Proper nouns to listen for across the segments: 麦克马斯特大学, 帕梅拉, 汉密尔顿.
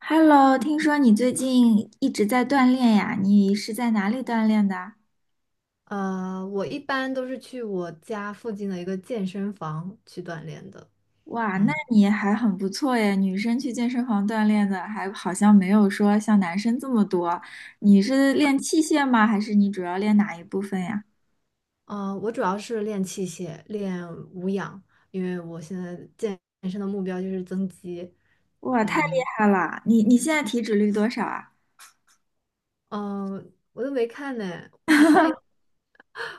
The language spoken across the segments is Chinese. Hello，听说你最近一直在锻炼呀？你是在哪里锻炼的？我一般都是去我家附近的一个健身房去锻炼的。哇，那嗯。你还很不错耶，女生去健身房锻炼的还好像没有说像男生这么多。你是练器械吗？还是你主要练哪一部分呀？我主要是练器械，练无氧，因为我现在健身的目标就是增肌。哇，太厉害了！你现在体脂率多少啊？嗯、我都没看呢，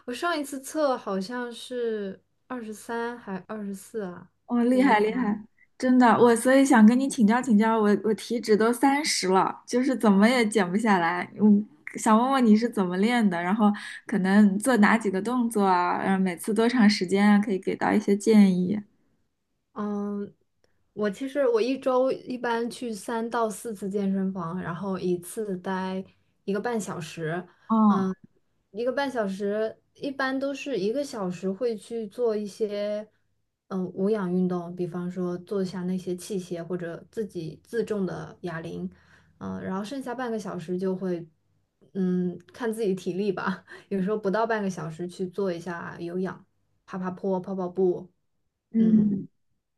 我上一次测好像是23还24啊。哦，厉害厉害，真的，我所以想跟你请教请教，我体脂都30了，就是怎么也减不下来。嗯，想问问你是怎么练的，然后可能做哪几个动作啊，然后每次多长时间啊，可以给到一些建议。嗯，我其实一周一般去三到四次健身房，然后一次待一个半小时。哦，嗯，一个半小时一般都是一个小时会去做一些无氧运动，比方说做一下那些器械或者自己自重的哑铃。然后剩下半个小时就会看自己体力吧，有时候不到半个小时去做一下有氧，爬爬坡、跑跑步。嗯。嗯，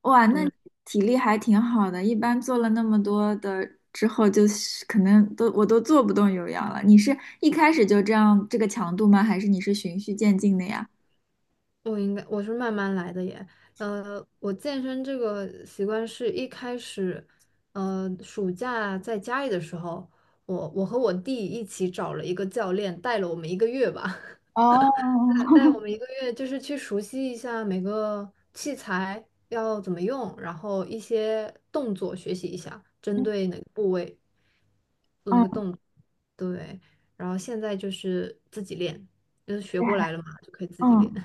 哇，那你对。体力还挺好的，一般做了那么多的之后，就是可能都我都做不动有氧了。你是一开始就这样这个强度吗？还是你是循序渐进的呀？我应该我是慢慢来的耶，我健身这个习惯是一开始，暑假在家里的时候，我和我弟一起找了一个教练，带了我们一个月吧，哦，带我们一个月，就是去熟悉一下每个器材要怎么用，然后一些动作学习一下，针对 哪个部位做那个哦，动作，对，然后现在就是自己练，就是学过来害，了嘛，就可以自己练。嗯。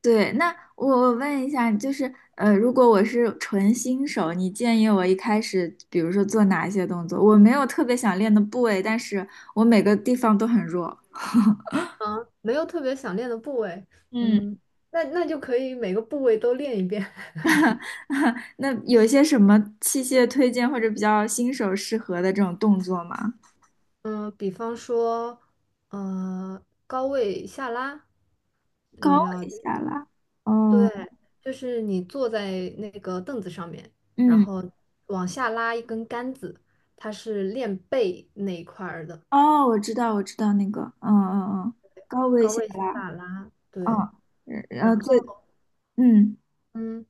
对，那我问一下，就是如果我是纯新手，你建议我一开始，比如说做哪些动作？我没有特别想练的部位，但是我每个地方都很弱。啊，没有特别想练的部位，嗯。嗯，那就可以每个部位都练一遍，那有一些什么器械推荐或者比较新手适合的这种动作吗？嗯，比方说，高位下拉，你高知道，位下拉，哦，对，就是你坐在那个凳子上面，然嗯，后往下拉一根杆子，它是练背那一块儿的，哦，我知道，我知道那个，嗯嗯嗯，高位高下位拉，下拉，嗯，对，呃，然呃后最，嗯嗯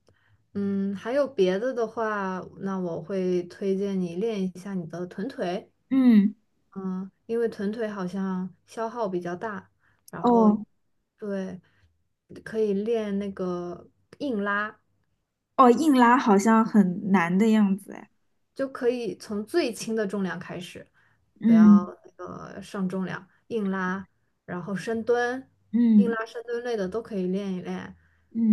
还有别的的话，那我会推荐你练一下你的臀腿。嗯，嗯，因为臀腿好像消耗比较大，然后哦，对，可以练那个硬拉，哦，硬拉好像很难的样子，哎，就可以从最轻的重量开始，不嗯要上重量，硬拉，然后深蹲，硬嗯拉、深蹲类的都可以练一练。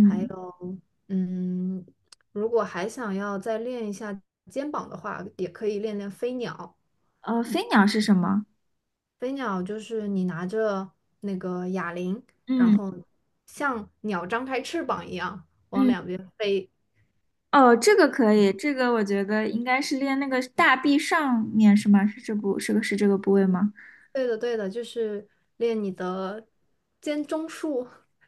还有，嗯，如果还想要再练一下肩膀的话，也可以练练飞鸟。飞鸟是什么？飞鸟就是你拿着那个哑铃，然嗯后像鸟张开翅膀一样往嗯，两边飞。哦，这个可以，这个我觉得应该是练那个大臂上面是吗？是这部是个是这个部位吗？对的，对的，就是练你的肩中束，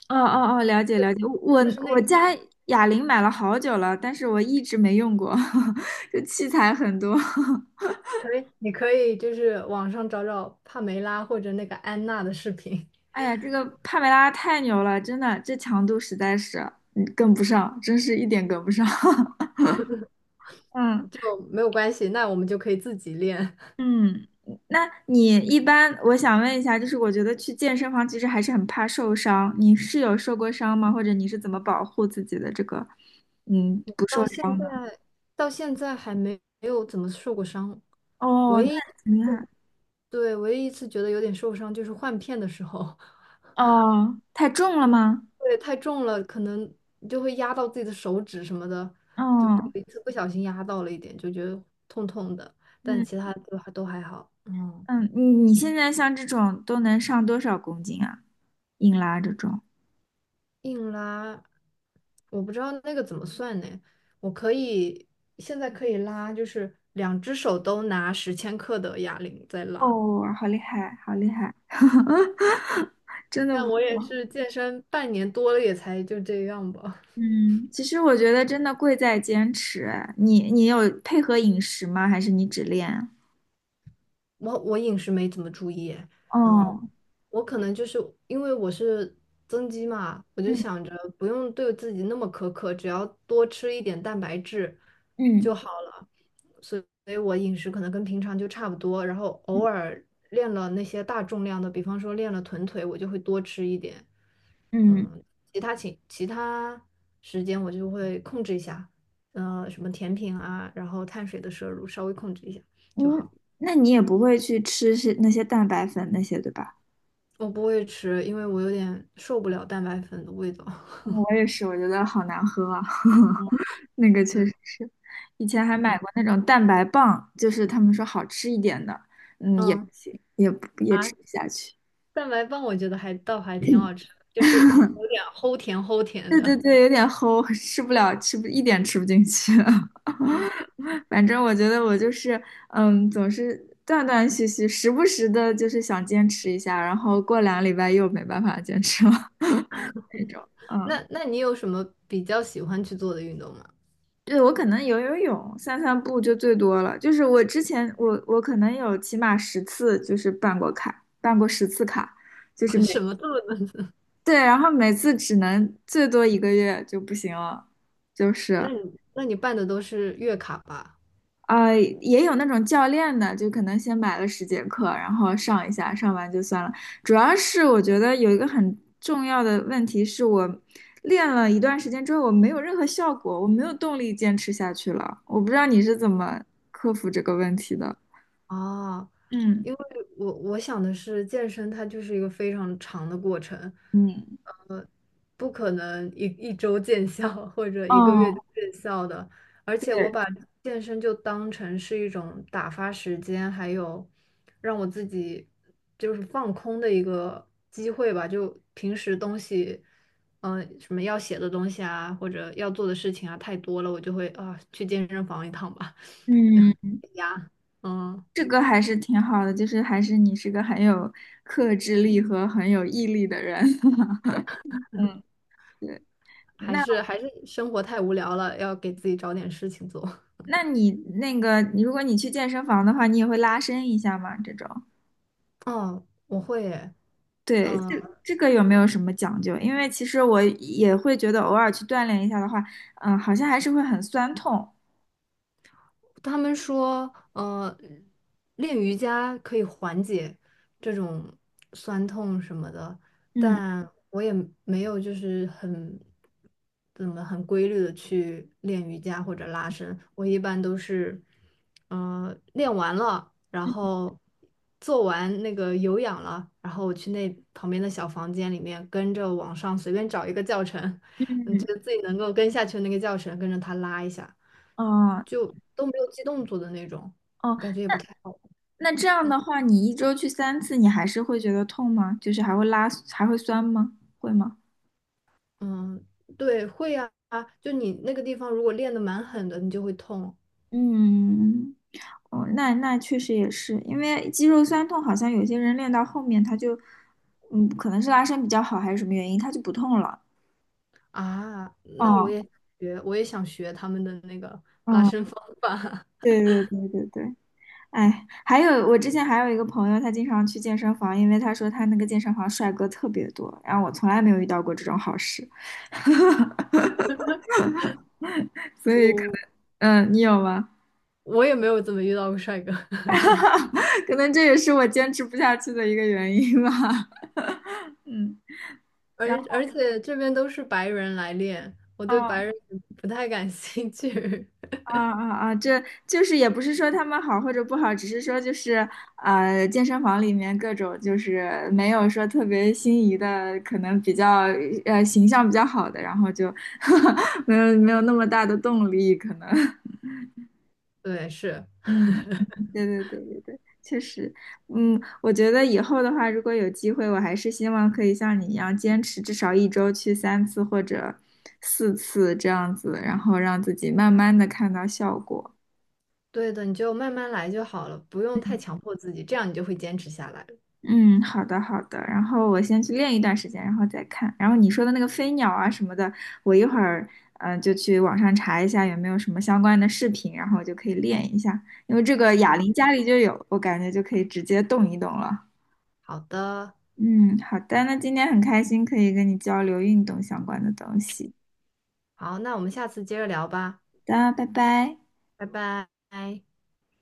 哦哦哦，了解了解，我就是那我家哑铃买了好久了，但是我一直没用过，这器材很多。可以，你可以就是网上找找帕梅拉或者那个安娜的视频，哎呀，这个帕梅拉太牛了，真的，这强度实在是跟不上，真是一点跟不上。嗯。就没有关系。那我们就可以自己练。嗯，那你一般，我想问一下，就是我觉得去健身房其实还是很怕受伤，你是有受过伤吗？或者你是怎么保护自己的这个，嗯，不受到现伤的？在，还没有怎么受过伤，哦，唯那一，很厉害。对，唯一一次觉得有点受伤就是换片的时候。哦，太重了吗？对，太重了，可能就会压到自己的手指什么的，就哦，有一次不小心压到了一点，就觉得痛痛的，但嗯其他都还好。嗯，嗯，你现在像这种都能上多少公斤啊？硬拉这种？硬拉，我不知道那个怎么算呢？我可以现在可以拉，就是两只手都拿10千克的哑铃在拉，哦，好厉害，好厉害。但我也是健身半年多了，也才就这样吧。嗯，其实我觉得真的贵在坚持。哎你有配合饮食吗？还是你只练？我饮食没怎么注意，嗯，哦，我可能就是因为我是增肌嘛，我就嗯想着不用对自己那么苛刻，只要多吃一点蛋白质嗯就好了，所以我饮食可能跟平常就差不多，然后偶尔练了那些大重量的，比方说练了臀腿，我就会多吃一点，嗯其他时间我就会控制一下，什么甜品啊，然后碳水的摄入稍微控制一下就嗯，好。那你也不会去吃是那些蛋白粉那些，对吧？我不会吃，因为我有点受不了蛋白粉的味道。我也是，我觉得好难喝啊，嗯 那个 对，确实是。以前还买过那种蛋白棒，就是他们说好吃一点的，嗯，也不嗯行，也啊，吃不下去。蛋白棒我觉得还倒还挺好吃的，就是可能有点齁甜齁甜对对的。对，有点齁，吃不了，吃不进去。嗯 反正我觉得我就是，嗯，总是断断续续，时不时的就是想坚持一下，然后过2个礼拜又没办法坚持了 那种。嗯，那你有什么比较喜欢去做的运动吗？对，我可能游游泳、散散步就最多了。就是我之前我可能有起码十次就是办过卡，办过十次卡，就是 每什么做的？对，然后每次只能最多一个月就不行了，就那是。你那你办的都是月卡吧？也有那种教练的，就可能先买了10节课，然后上一下，上完就算了。主要是我觉得有一个很重要的问题是我练了一段时间之后，我没有任何效果，我没有动力坚持下去了。我不知道你是怎么克服这个问题的。啊，嗯因为我想的是健身，它就是一个非常长的过程，嗯，呃，不可能一周见效 或者一个月哦，就见效的。而且我对，把健身就当成是一种打发时间，还有让我自己就是放空的一个机会吧。就平时东西，什么要写的东西啊，或者要做的事情啊，太多了，我就会啊去健身房一趟吧。嗯，呀，嗯。这个还是挺好的，就是还是你是个很有克制力和很有毅力的人。嗯，对。还那。是还是生活太无聊了，要给自己找点事情做。那你那个，如果你去健身房的话，你也会拉伸一下吗？这种，哦，我会耶，对，这这个有没有什么讲究？因为其实我也会觉得偶尔去锻炼一下的话，嗯，好像还是会很酸痛。他们说，练瑜伽可以缓解这种酸痛什么的，嗯但我也没有就是很怎么很规律的去练瑜伽或者拉伸，我一般都是，练完了，然嗯，后做完那个有氧了，然后我去那旁边的小房间里面跟着网上随便找一个教程，嗯你觉嗯得自己能够跟下去的那个教程，跟着他拉一下，哦就都没有记动作的那种，哦，我感觉也不太好。那这样嗯的话，你一周去三次，你还是会觉得痛吗？就是还会拉，还会酸吗？会吗？嗯，对，会啊，就你那个地方如果练得蛮狠的，你就会痛嗯，哦，那那确实也是，因为肌肉酸痛，好像有些人练到后面他就，嗯，可能是拉伸比较好还是什么原因，他就不痛了。啊。那哦，我也想学他们的那个拉嗯，伸方法。对对对对对，哎，还有我之前还有一个朋友，他经常去健身房，因为他说他那个健身房帅哥特别多，然后我从来没有遇到过这种好事，所以可我能，嗯，你有吗？我也没有怎么遇到过帅哥，可能这也是我坚持不下去的一个原因吧。嗯，而然后。而且这边都是白人来练，我对白哦人不太感兴趣。啊啊啊！这就是也不是说他们好或者不好，只是说就是健身房里面各种就是没有说特别心仪的，可能比较形象比较好的，然后就 没有那么大的动力，可能。对，是。嗯，对对对对对，确实，嗯，我觉得以后的话，如果有机会，我还是希望可以像你一样坚持至少一周去三次或者4次这样子，然后让自己慢慢的看到效果。对的，你就慢慢来就好了，不用太强迫自己，这样你就会坚持下来了。嗯，好的好的，然后我先去练一段时间，然后再看。然后你说的那个飞鸟啊什么的，我一会儿就去网上查一下有没有什么相关的视频，然后我就可以练一下。因为这个哑铃家里就有，我感觉就可以直接动一动了。好的，嗯，好的，那今天很开心可以跟你交流运动相关的东西。好，那我们下次接着聊吧，好的，拜拜。拜拜。